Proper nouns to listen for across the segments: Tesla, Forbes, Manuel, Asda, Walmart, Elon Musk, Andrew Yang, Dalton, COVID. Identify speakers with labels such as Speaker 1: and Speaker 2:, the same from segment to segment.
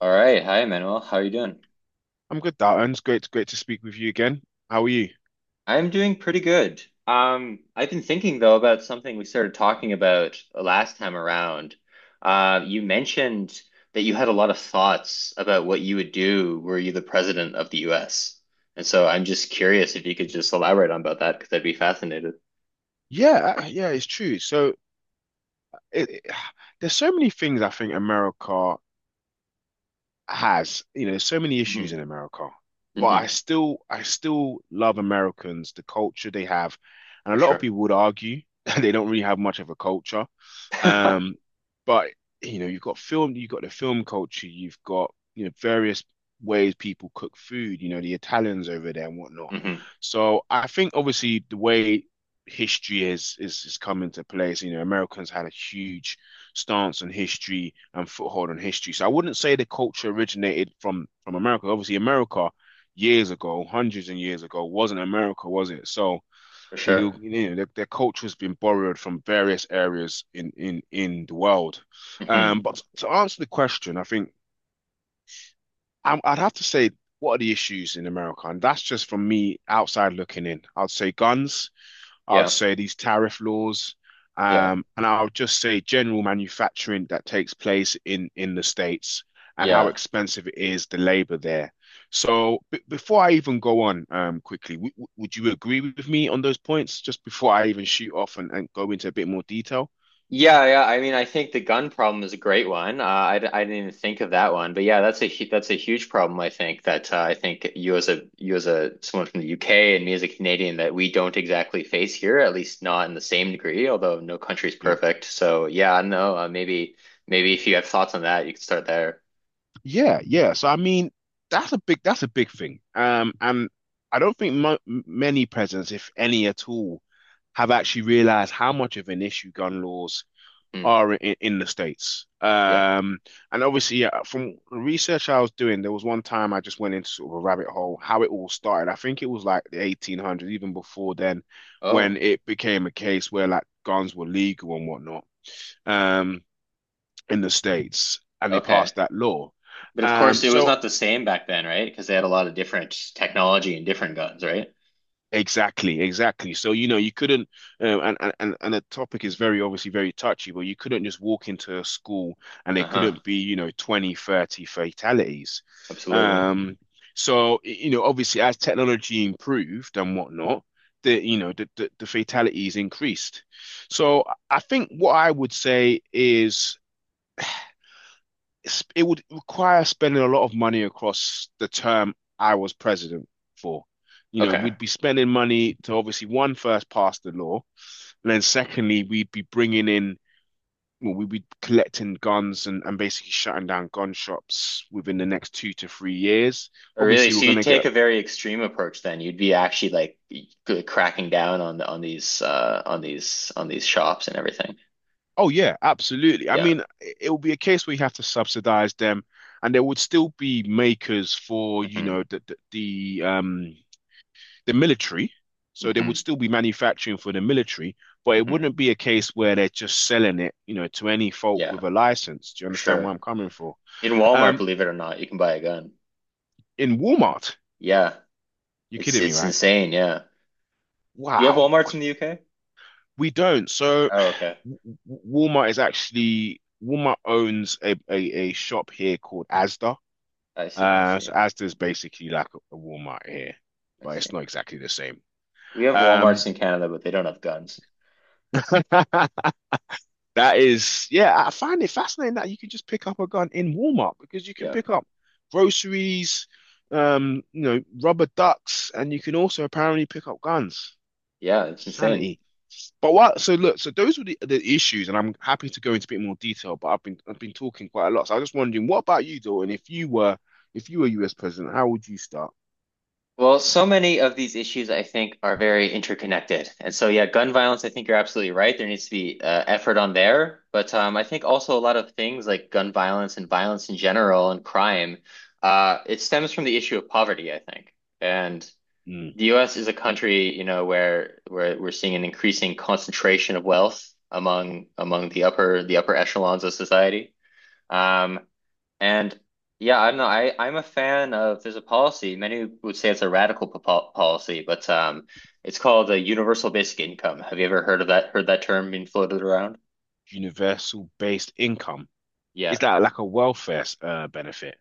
Speaker 1: All right. Hi, Manuel. How are you doing?
Speaker 2: I'm good, Dalton. It's great to speak with you again. How are you?
Speaker 1: I'm doing pretty good. I've been thinking though about something we started talking about last time around. You mentioned that you had a lot of thoughts about what you would do were you the president of the US. And so I'm just curious if you could just elaborate on about that because I'd be fascinated.
Speaker 2: Yeah, it's true. So it, it- there's so many things I think America has. There's so many issues in
Speaker 1: Hmm.
Speaker 2: America, but I
Speaker 1: Hmm.
Speaker 2: still, I still love Americans, the culture they have, and a
Speaker 1: For
Speaker 2: lot of
Speaker 1: sure.
Speaker 2: people would argue that they don't really have much of a culture. Um, but you know, you've got film, you've got the film culture, you've got various ways people cook food. The Italians over there and whatnot.
Speaker 1: hmm.
Speaker 2: So I think obviously the way history is coming to place. Americans had a huge stance on history and foothold on history. So I wouldn't say the culture originated from America. Obviously, America years ago, hundreds and years ago, wasn't America, was it? So
Speaker 1: For
Speaker 2: they,
Speaker 1: sure.
Speaker 2: their culture has been borrowed from various areas in the world.
Speaker 1: Hmm.
Speaker 2: But to answer the question, I think I'd have to say, what are the issues in America? And that's just from me outside looking in. I'd say guns. I'd
Speaker 1: Yeah.
Speaker 2: say these tariff laws,
Speaker 1: Yeah.
Speaker 2: and I'll just say general manufacturing that takes place in the States and how
Speaker 1: Yeah.
Speaker 2: expensive it is, the labor there. So b before I even go on, quickly, would you agree with me on those points just before I even shoot off and go into a bit more detail?
Speaker 1: Yeah, yeah. I mean, I think the gun problem is a great one. I didn't even think of that one, but yeah, that's that's a huge problem. I think that I think you as a someone from the UK and me as a Canadian that we don't exactly face here, at least not in the same degree. Although no country's
Speaker 2: Yeah.
Speaker 1: perfect, so yeah, I don't know. Maybe if you have thoughts on that, you can start there.
Speaker 2: Yeah, yeah. So I mean, that's a big thing. And I don't think many presidents, if any at all, have actually realized how much of an issue gun laws
Speaker 1: Hmm.
Speaker 2: are in the States.
Speaker 1: Yeah.
Speaker 2: And obviously, yeah, from the research I was doing, there was one time I just went into sort of a rabbit hole, how it all started. I think it was like the 1800s, even before then, when
Speaker 1: Oh,
Speaker 2: it became a case where like guns were legal and whatnot, um, in the States, and they
Speaker 1: okay.
Speaker 2: passed that law.
Speaker 1: But of
Speaker 2: Um,
Speaker 1: course, it was
Speaker 2: so
Speaker 1: not the same back then, right? Because they had a lot of different technology and different guns, right?
Speaker 2: Exactly, exactly. So, you couldn't, and the topic is very obviously very touchy, but you couldn't just walk into a school and there
Speaker 1: Uh-huh.
Speaker 2: couldn't be, 20, 30 fatalities.
Speaker 1: Absolutely.
Speaker 2: Um, so, obviously as technology improved and whatnot, the, you know, the fatalities increased. So I think what I would say is it would require spending a lot of money across the term I was president for. You know,
Speaker 1: Okay.
Speaker 2: we'd be spending money to obviously one first pass the law, and then secondly, we'd be bringing in, well, we'd be collecting guns and basically shutting down gun shops within the next 2 to 3 years.
Speaker 1: Oh, really?
Speaker 2: Obviously, we're
Speaker 1: So
Speaker 2: going
Speaker 1: you'd
Speaker 2: to
Speaker 1: take
Speaker 2: get,
Speaker 1: a very extreme approach then. You'd be actually like cracking down on these on these shops and everything.
Speaker 2: Oh yeah, absolutely. I
Speaker 1: Yeah.
Speaker 2: mean, it will be a case where you have to subsidize them, and there would still be makers for,
Speaker 1: Hmm.
Speaker 2: the um the military. So they would
Speaker 1: Hmm.
Speaker 2: still be manufacturing for the military, but it
Speaker 1: Hmm.
Speaker 2: wouldn't be a case where they're just selling it, to any folk
Speaker 1: Yeah,
Speaker 2: with a license. Do you
Speaker 1: for
Speaker 2: understand
Speaker 1: sure.
Speaker 2: where I'm coming from?
Speaker 1: In Walmart,
Speaker 2: Um,
Speaker 1: believe it or not, you can buy a gun.
Speaker 2: in Walmart,
Speaker 1: Yeah.
Speaker 2: you're kidding me,
Speaker 1: It's
Speaker 2: right?
Speaker 1: insane, yeah. Do you have
Speaker 2: Wow,
Speaker 1: Walmarts in the UK?
Speaker 2: we don't. So
Speaker 1: Oh, okay.
Speaker 2: w- Walmart is actually Walmart owns a shop here called Asda.
Speaker 1: I see, I
Speaker 2: So
Speaker 1: see.
Speaker 2: Asda is basically like a Walmart here,
Speaker 1: I
Speaker 2: but it's
Speaker 1: see.
Speaker 2: not exactly the same.
Speaker 1: We have
Speaker 2: Um,
Speaker 1: Walmarts in Canada, but they don't have guns.
Speaker 2: That is, yeah, I find it fascinating that you can just pick up a gun in Walmart because you can
Speaker 1: Yeah.
Speaker 2: pick up groceries, rubber ducks, and you can also apparently pick up guns.
Speaker 1: Yeah, it's insane.
Speaker 2: Sanity. But what? So look, those were the issues, and I'm happy to go into a bit more detail. But I've been talking quite a lot, so I was just wondering, what about you, Dalton? If you were US president, how would you start?
Speaker 1: Well, so many of these issues, I think, are very interconnected. And so, yeah, gun violence, I think you're absolutely right. There needs to be effort on there. But I think also a lot of things like gun violence and violence in general and crime, it stems from the issue of poverty, I think. And
Speaker 2: Mm,
Speaker 1: the US is a country, you know, where we're seeing an increasing concentration of wealth among the upper echelons of society. Um, and yeah, I'm not, I I'm a fan of there's a policy. Many would say it's a radical po policy, but it's called a universal basic income. Have you ever heard of that? Heard that term being floated around?
Speaker 2: universal based income.
Speaker 1: Yeah.
Speaker 2: Is that like a welfare benefit?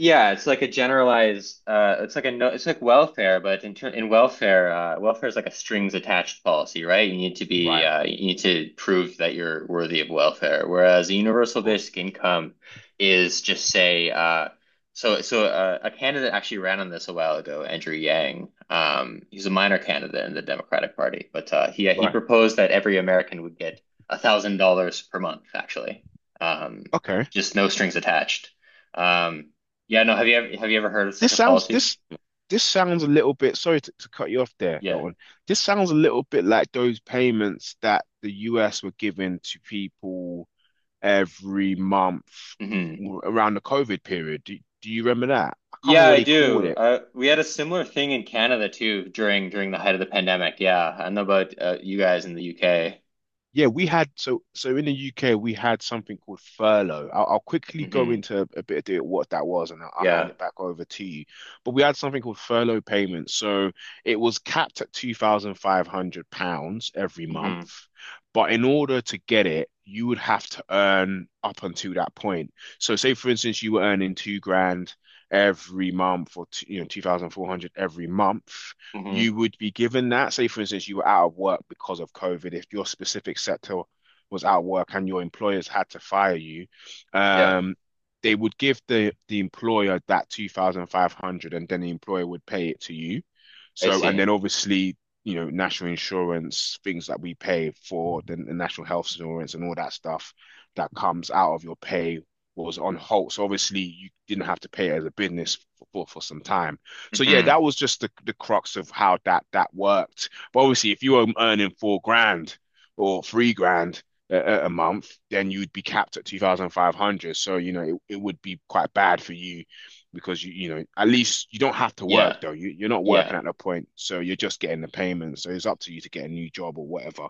Speaker 1: Yeah, it's like a generalized, it's like a no, it's like welfare, but in welfare, welfare is like a strings attached policy, right? You need to be,
Speaker 2: Right, of
Speaker 1: you need to prove that you're worthy of welfare. Whereas a universal
Speaker 2: course.
Speaker 1: basic income is just say, a candidate actually ran on this a while ago, Andrew Yang. He's a minor candidate in the Democratic Party, but he
Speaker 2: Right.
Speaker 1: proposed that every American would get $1,000 per month, actually, um,
Speaker 2: Okay.
Speaker 1: just no strings attached. Um, yeah, no, have you ever heard of such
Speaker 2: This
Speaker 1: a
Speaker 2: sounds
Speaker 1: policy?
Speaker 2: this this sounds a little bit, sorry to cut you off there,
Speaker 1: Yeah.
Speaker 2: Dalton. This sounds a little bit like those payments that the US were giving to people every month
Speaker 1: Hmm.
Speaker 2: around the COVID period. Do you remember that? I can't
Speaker 1: Yeah,
Speaker 2: remember what
Speaker 1: I
Speaker 2: he called
Speaker 1: do.
Speaker 2: it.
Speaker 1: We had a similar thing in Canada too during the height of the pandemic. Yeah, I know about you guys in the UK.
Speaker 2: Yeah, we had so in the UK we had something called furlough. I'll quickly go
Speaker 1: Hmm.
Speaker 2: into a bit of detail what that was, and I'll hand
Speaker 1: Yeah.
Speaker 2: it back over to you. But we had something called furlough payments. So it was capped at £2,500 every month,
Speaker 1: Hmm.
Speaker 2: but in order to get it, you would have to earn up until that point. So say for instance you were earning 2 grand every month, or two, two thousand four hundred every month
Speaker 1: Hmm.
Speaker 2: you would be given that. Say, for instance, you were out of work because of COVID. If your specific sector was out of work and your employers had to fire you,
Speaker 1: Yeah,
Speaker 2: um, they would give the employer that 2,500 and then the employer would pay it to you.
Speaker 1: I
Speaker 2: So, and then
Speaker 1: see.
Speaker 2: obviously, national insurance, things that we pay for the national health insurance and all that stuff that comes out of your pay was on hold. So obviously you didn't have to pay as a business for some time. So yeah,
Speaker 1: Hmm.
Speaker 2: that was just the crux of how that that worked. But obviously, if you were earning 4 grand or 3 grand a month, then you'd be capped at 2,500. So, it would be quite bad for you because you, at least you don't have to work
Speaker 1: Yeah,
Speaker 2: though. You're not
Speaker 1: yeah,
Speaker 2: working at that point. So you're just getting the payment. So it's up to you to get a new job or whatever.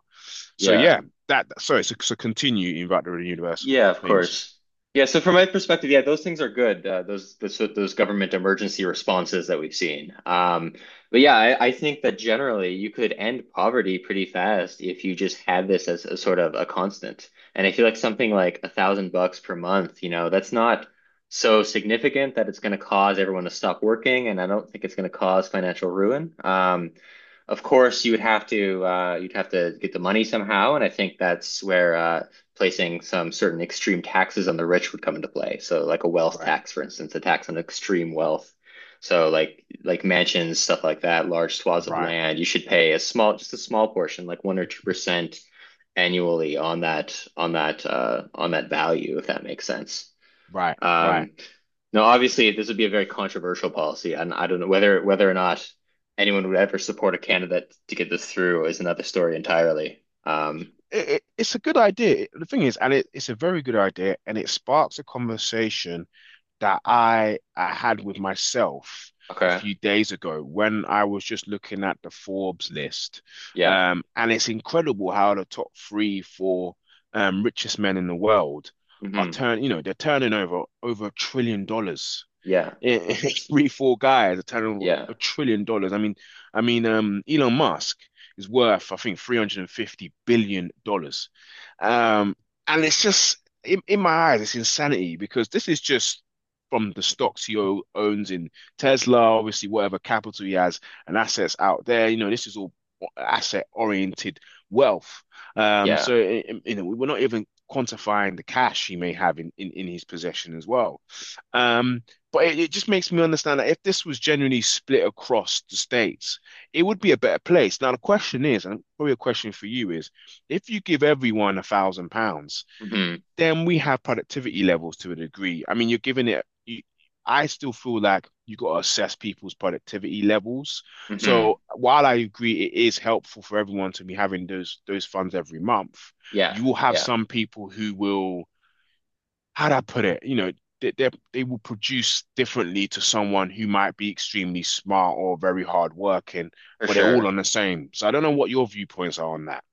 Speaker 2: So
Speaker 1: yeah.
Speaker 2: yeah, that, sorry, so continue about the universal
Speaker 1: Yeah, of
Speaker 2: payments.
Speaker 1: course. Yeah, so from my perspective, yeah, those things are good. Those government emergency responses that we've seen. But yeah, I think that generally you could end poverty pretty fast if you just had this as a sort of a constant. And I feel like something like $1,000 per month, you know, that's not so significant that it's going to cause everyone to stop working, and I don't think it's going to cause financial ruin. Of course you would have to you'd have to get the money somehow, and I think that's where placing some certain extreme taxes on the rich would come into play. So like a wealth
Speaker 2: Right,
Speaker 1: tax, for instance, a tax on extreme wealth. So like mansions, stuff like that, large swaths of
Speaker 2: right,
Speaker 1: land, you should pay a small, just a small portion, like 1 or 2% annually on that on that value, if that makes sense.
Speaker 2: right, right.
Speaker 1: Um, no, obviously this would be a very controversial policy, and I don't know whether whether or not anyone would ever support a candidate to get this through is another story entirely.
Speaker 2: It's a good idea. The thing is, and it's a very good idea, and it sparks a conversation that I had with myself a
Speaker 1: Okay.
Speaker 2: few days ago when I was just looking at the Forbes list.
Speaker 1: Yeah.
Speaker 2: And it's incredible how the top three, four richest men in the world are
Speaker 1: Hmm.
Speaker 2: turn, you know, they're turning over $1 trillion
Speaker 1: Yeah.
Speaker 2: in three, four guys are turning
Speaker 1: Yeah.
Speaker 2: $1 trillion. I mean, Elon Musk is worth, I think, $350 billion. Um, and it's just in my eyes, it's insanity because this is just from the stocks he owns in Tesla, obviously whatever capital he has and assets out there. This is all asset oriented wealth. Um,
Speaker 1: Yeah.
Speaker 2: so i- i- you know, we're not even quantifying the cash he may have in his possession as well. Um, but it just makes me understand that if this was genuinely split across the states, it would be a better place. Now, the question is, and probably a question for you is, if you give everyone £1,000,
Speaker 1: Hmm.
Speaker 2: then we have productivity levels to a degree. I mean, you're giving it, I still feel like you got to assess people's productivity levels.
Speaker 1: Hmm.
Speaker 2: So while I agree it is helpful for everyone to be having those funds every month,
Speaker 1: Yeah.
Speaker 2: you will have
Speaker 1: Yeah.
Speaker 2: some people who will how'd I put it? You know, they will produce differently to someone who might be extremely smart or very hardworking,
Speaker 1: For
Speaker 2: but they're all
Speaker 1: sure.
Speaker 2: on the same. So I don't know what your viewpoints are on that.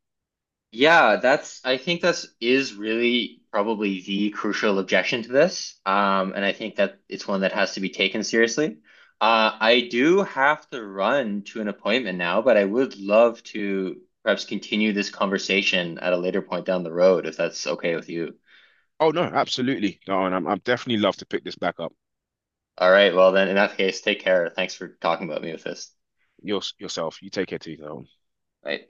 Speaker 1: Yeah, that's I think that's is really probably the crucial objection to this. And I think that it's one that has to be taken seriously. I do have to run to an appointment now, but I would love to perhaps continue this conversation at a later point down the road if that's okay with you.
Speaker 2: Oh no, absolutely, Darwin. I'm definitely love to pick this back up.
Speaker 1: All right, well then in that case, take care. Thanks for talking about me with this.
Speaker 2: Yourself. You take care, too, Darwin.
Speaker 1: Bye.